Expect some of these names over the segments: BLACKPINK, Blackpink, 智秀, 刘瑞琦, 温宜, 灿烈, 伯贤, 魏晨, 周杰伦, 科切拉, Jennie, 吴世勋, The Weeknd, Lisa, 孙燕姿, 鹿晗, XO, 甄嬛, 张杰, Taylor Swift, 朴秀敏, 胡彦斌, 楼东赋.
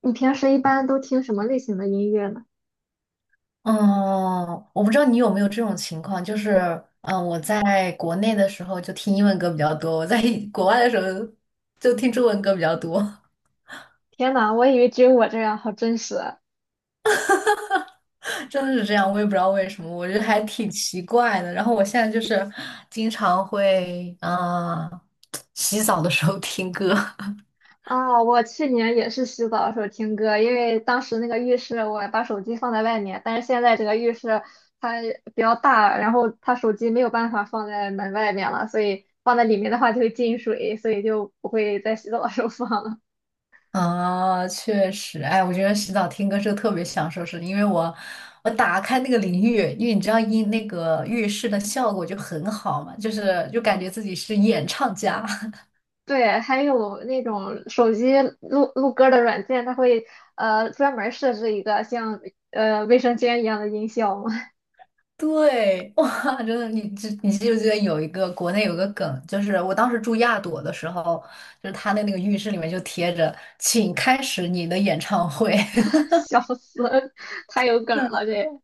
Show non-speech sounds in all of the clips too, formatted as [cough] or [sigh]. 你平时一般都听什么类型的音乐呢？嗯，我不知道你有没有这种情况，就是，我在国内的时候就听英文歌比较多，我在国外的时候就听中文歌比较多，天呐，我以为只有我这样，好真实啊！[laughs] 真的是这样，我也不知道为什么，我觉得还挺奇怪的。然后我现在就是经常会，[tsk] 洗澡的时候听歌。啊我去年也是洗澡的时候听歌，因为当时那个浴室我把手机放在外面，但是现在这个浴室它比较大，然后它手机没有办法放在门外面了，所以放在里面的话就会进水，所以就不会在洗澡的时候放了。啊，确实，哎，我觉得洗澡听歌是特别享受是因为我打开那个淋浴，因为你知道那个浴室的效果就很好嘛，就是感觉自己是演唱家。[laughs] 对，还有那种手机录歌的软件，它会专门设置一个像卫生间一样的音效。对，哇，真的，你记不记得有一个国内有个梗，就是我当时住亚朵的时候，就是他的那个浴室里面就贴着"请开始你的演唱会"。笑死，太有梗了 [laughs] 这。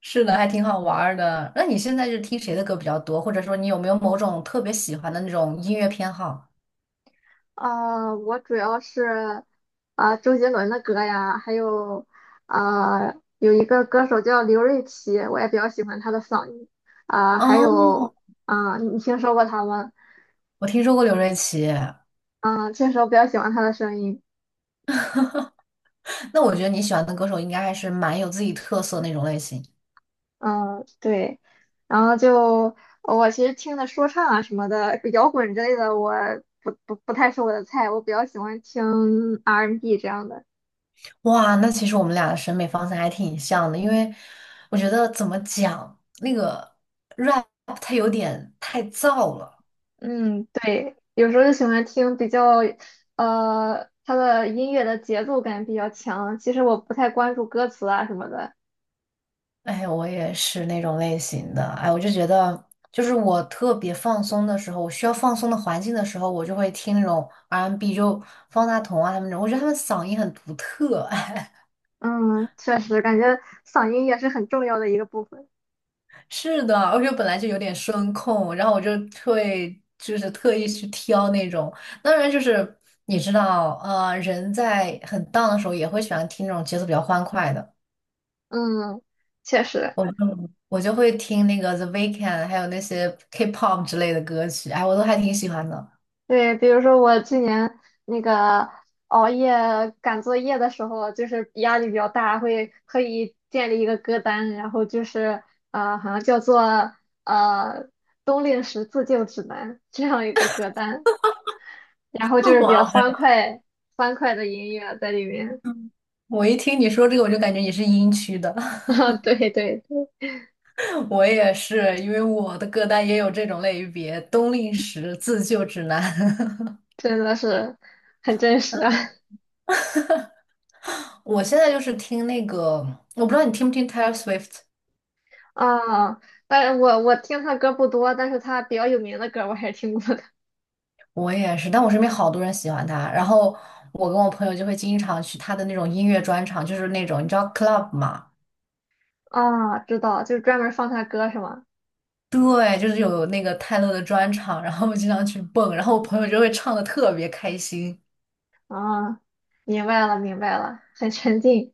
是的，还挺好玩儿的。那你现在是听谁的歌比较多，或者说你有没有某种特别喜欢的那种音乐偏好？啊！我主要是周杰伦的歌呀，还有啊、有一个歌手叫刘瑞琦，我也比较喜欢他的嗓音还哦，有你听说过他吗？我听说过刘瑞琦，嗯，确实我比较喜欢他的声音。那我觉得你喜欢的歌手应该还是蛮有自己特色那种类型。嗯、对，然后就我其实听的说唱啊什么的，摇滚之类的，我不太是我的菜，我比较喜欢听 R&B N 这样的。哇，那其实我们俩的审美方向还挺像的，因为我觉得怎么讲，那个 rap 它有点太燥了。嗯，对，有时候就喜欢听比较，它的音乐的节奏感比较强。其实我不太关注歌词啊什么的。哎，我也是那种类型的。哎，我就觉得，就是我特别放松的时候，我需要放松的环境的时候，我就会听那种 R&B,就方大同啊他们那种，我觉得他们嗓音很独特。[laughs] 嗯，确实，感觉嗓音也是很重要的一个部分。是的，而且本来就有点声控，然后我就会就是特意去挑那种，当然就是你知道，人在很 down 的时候也会喜欢听那种节奏比较欢快的，嗯，确实，我就我就会听那个 The Weeknd,还有那些 K-pop 之类的歌曲，哎，我都还挺喜欢的。对，比如说我去年那个熬夜赶作业的时候，就是压力比较大，会特意建立一个歌单，然后就是好像叫做呃《冬令时自救指南》这样一个歌单。然后就 [laughs] 是比哇较塞，欢快的音乐在里面。我一听你说这个，我就感觉你是音区的，[laughs] 啊，对对，对 [laughs] 我也是，因为我的歌单也有这种类别，冬令时、自救指南。真的是很真实啊。[laughs] 我现在就是听那个，我不知道你听不听 Taylor Swift,啊但是我听他歌不多，但是他比较有名的歌我还是听过的。我也是，但我身边好多人喜欢他，然后我跟我朋友就会经常去他的那种音乐专场，就是那种你知道 club 嘛，啊。知道，就是专门放他歌是吗？对，就是有那个泰勒的专场，然后我经常去蹦，然后我朋友就会唱的特别开心。啊，明白了明白了，很沉浸。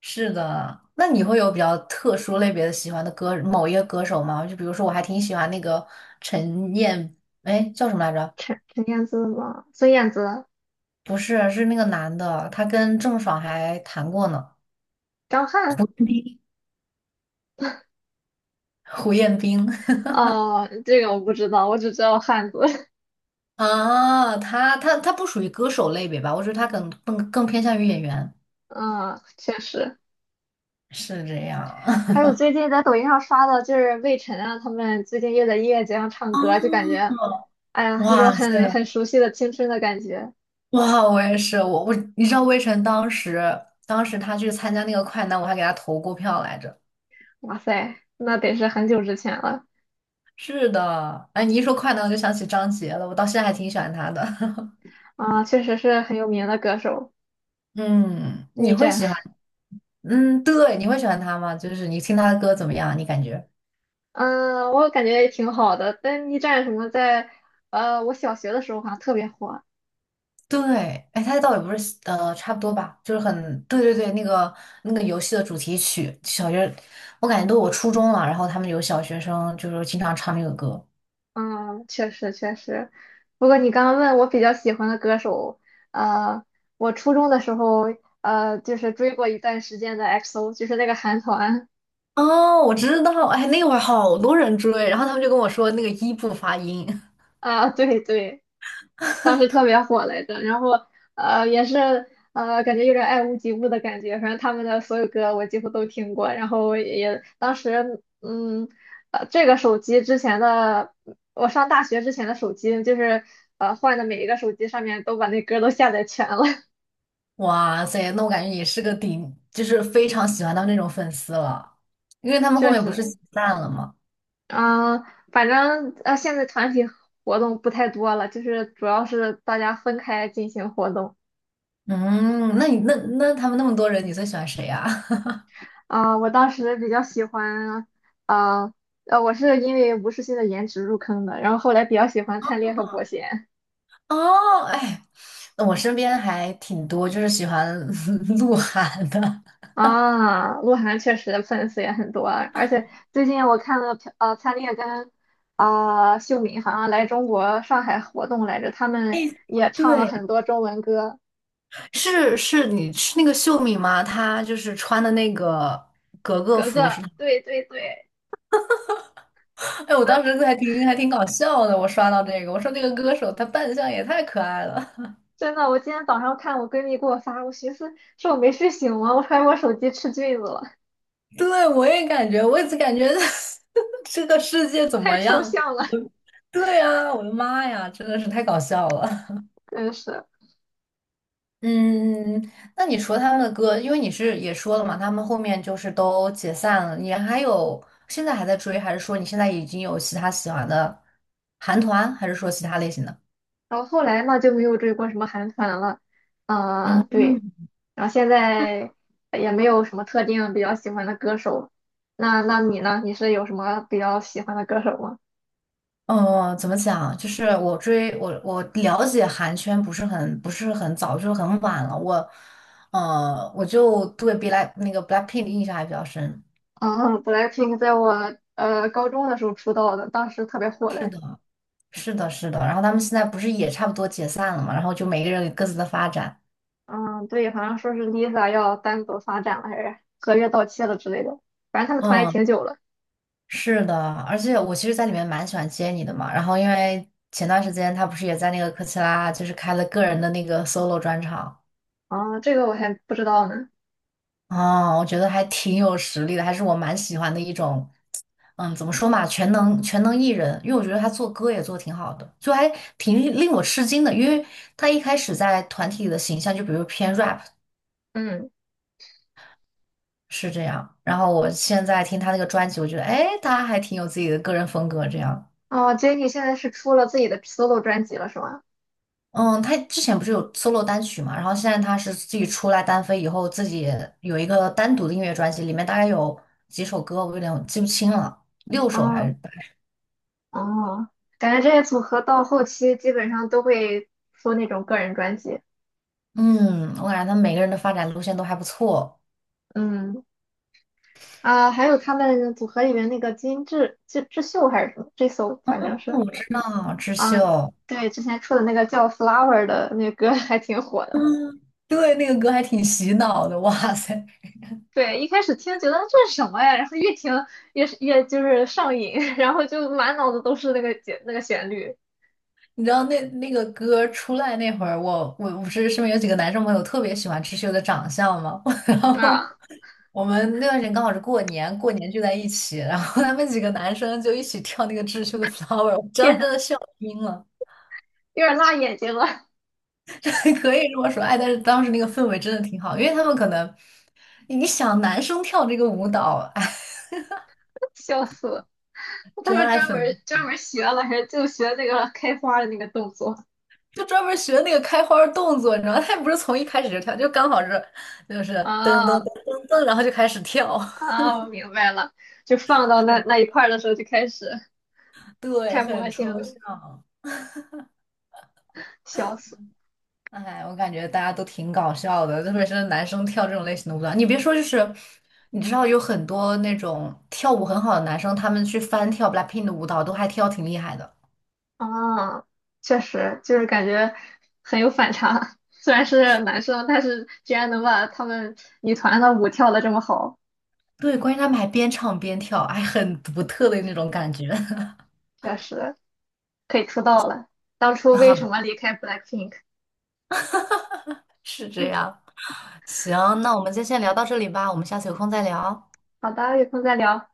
是的，那你会有比较特殊类别的喜欢的歌，某一个歌手吗？就比如说我还挺喜欢那个陈燕，哎，叫什么来着？陈燕姿吗？孙燕姿、不是，是那个男的，他跟郑爽还谈过呢。张翰？胡彦斌。 哦，这个我不知道，我只知道汉子。[laughs] 啊，他不属于歌手类别吧？我觉得他更偏向于演员，[laughs] 嗯，确实。是这样。还有最近在抖音上刷的，就是魏晨啊，他们最近又在音乐节上唱歌，就感觉，哎 [laughs] 呀，一种哇很塞，很熟悉的青春的感觉。哇，我也是，我你知道魏晨当时他去参加那个快男，我还给他投过票来着。哇塞，那得是很久之前了。是的，哎，你一说快男，我就想起张杰了，我到现在还挺喜欢他的。[laughs] 啊，确实是很有名的歌手。嗯，你逆会战，喜欢？嗯，对，你会喜欢他吗？就是你听他的歌怎么样？你感觉？[laughs] 嗯，我感觉也挺好的。但逆战什么在，我小学的时候好像特别火。对，哎，他倒也不是差不多吧，就是很，对对对，那个游戏的主题曲，小学，我感觉都我初中了，然后他们有小学生就是经常唱那个歌，嗯，确实确实。不过你刚刚问我比较喜欢的歌手，呃，我初中的时候，就是追过一段时间的 XO，就是那个韩团。哦，我知道，哎，那会儿好多人追，然后他们就跟我说那个一不发音。啊，对对，当时特别火来着，然后也是感觉有点爱屋及乌的感觉，反正他们的所有歌我几乎都听过，然后也当时这个手机之前的我上大学之前的手机就是换的每一个手机上面都把那歌都下载全了。[laughs] 哇塞，那我感觉也是个顶，就是非常喜欢他们那种粉丝了，因为他 [laughs] 们后确面不实。是解散了吗？嗯、反正现在团体活动不太多了，就是主要是大家分开进行活动。嗯，那你那他们那么多人，你最喜欢谁呀?我当时比较喜欢，啊、我是因为吴世勋的颜值入坑的，然后后来比较喜欢灿烈和伯 [laughs] 贤。哦，哎，我身边还挺多，就是喜欢 [laughs] 鹿晗的。啊，鹿晗确实粉丝也很多啊，而且最近我看了朴，灿烈跟秀敏好像来中国上海活动来着，他们哎，也唱了对，很多中文歌。是是，你是那个秀敏吗？她就是穿的那个格格格服是格，吗？对对对。[laughs] 哎，我当时还挺搞笑的，我刷到这个，我说那个歌手他扮相也太可爱了。真的，我今天早上看我闺蜜给我发，我寻思是我没睡醒吗？我怀疑我手机吃菌子了，[laughs] 对，我也感觉，我也是感觉 [laughs] 这个世界怎太么抽样？象了。[laughs] 对呀，我的妈呀，真的是太搞笑了。[laughs] 真是。嗯，嗯，那你除了他们的歌，因为你是也说了嘛，他们后面就是都解散了，你还有现在还在追，还是说你现在已经有其他喜欢的韩团，还是说其他类型的？然后后来嘛就没有追过什么韩团了。啊、对，嗯。然后现在也没有什么特定比较喜欢的歌手。那你呢？你是有什么比较喜欢的歌手吗？嗯，怎么讲？就是我追我我了解韩圈不是很早，就是很晚了。我，我就对 那个 Blackpink 的印象还比较深。[laughs] 嗯，BLACKPINK 在我高中的时候出道的，当时特别火是的。的，是的，是的。然后他们现在不是也差不多解散了嘛？然后就每个人有各自的发展。嗯，对，好像说是 Lisa 要单独发展了，还是合约到期了之类的。反正他们团也挺嗯。久了。是的，而且我其实在里面蛮喜欢接你的嘛。然后因为前段时间他不是也在那个科切拉，就是开了个人的那个 solo 专场啊、这个我还不知道呢。啊，我觉得还挺有实力的，还是我蛮喜欢的一种，嗯，怎么说嘛，全能艺人。因为我觉得他做歌也做挺好的，就还挺令我吃惊的，因为他一开始在团体里的形象就比如偏 rap 嗯，是这样，然后我现在听他那个专辑，我觉得哎，他还挺有自己的个人风格这样。哦，Jennie 现在是出了自己的 solo 专辑了，是吗？嗯，他之前不是有 solo 单曲嘛，然后现在他是自己出来单飞以后，自己有一个单独的音乐专辑，里面大概有几首歌，我有点记不清了，六首还是嗯，八。哦，感觉这些组合到后期基本上都会出那种个人专辑。嗯，我感觉他每个人的发展路线都还不错。嗯啊，还有他们组合里面那个金智秀还是什么智秀，反正嗯，是。我知道，智啊，秀，对，之前出的那个叫《Flower》的那个歌 [laughs] 还挺火的。对，那个歌还挺洗脑的，哇塞！对，一开始听觉得这是什么呀，然后越听越就是上瘾，[laughs] 然后就满脑子都是那个那个旋律。你知道那个歌出来那会儿，我不是身边有几个男生朋友特别喜欢智秀的长相嘛，[laughs] 然后啊，我们那段时间刚好是过年，过年聚在一起，然后他们几个男生就一起跳那个《智秀的 Flower》,我当时天，真的笑晕了，有点辣眼睛了。[laughs] 可以这么说，哎，但是当时那个氛围真的挺好，因为他们可能你想男生跳这个舞蹈，哎，[laughs] 笑死了。他真们爱专门粉专门学了，还是就学那个开花的那个动作。就专门学那个开花儿动作，你知道吗他也不是从一开始就跳，就刚好是就是噔噔噔啊噔噔，然后就开始跳，啊，我明白了，就放到那一块儿的时候就开始 [laughs] 对，太魔很性抽了，象。笑死！哎，我感觉大家都挺搞笑的，特别是男生跳这种类型的舞蹈。你别说，就是你知道有很多那种跳舞很好的男生，他们去翻跳 BLACKPINK 的舞蹈，都还跳挺厉害的。啊，确实就是感觉很有反差，虽然是男生，但是居然能把他们女团的舞跳的这么好。对，关键他们还边唱边跳，还很独特的那种感觉。[laughs] 确实可以出道了。当初为啊，什么离开 BLACKPINK？是这嗯，样。行，那我们就先聊到这里吧，我们下次有空再聊。好的，有空再聊。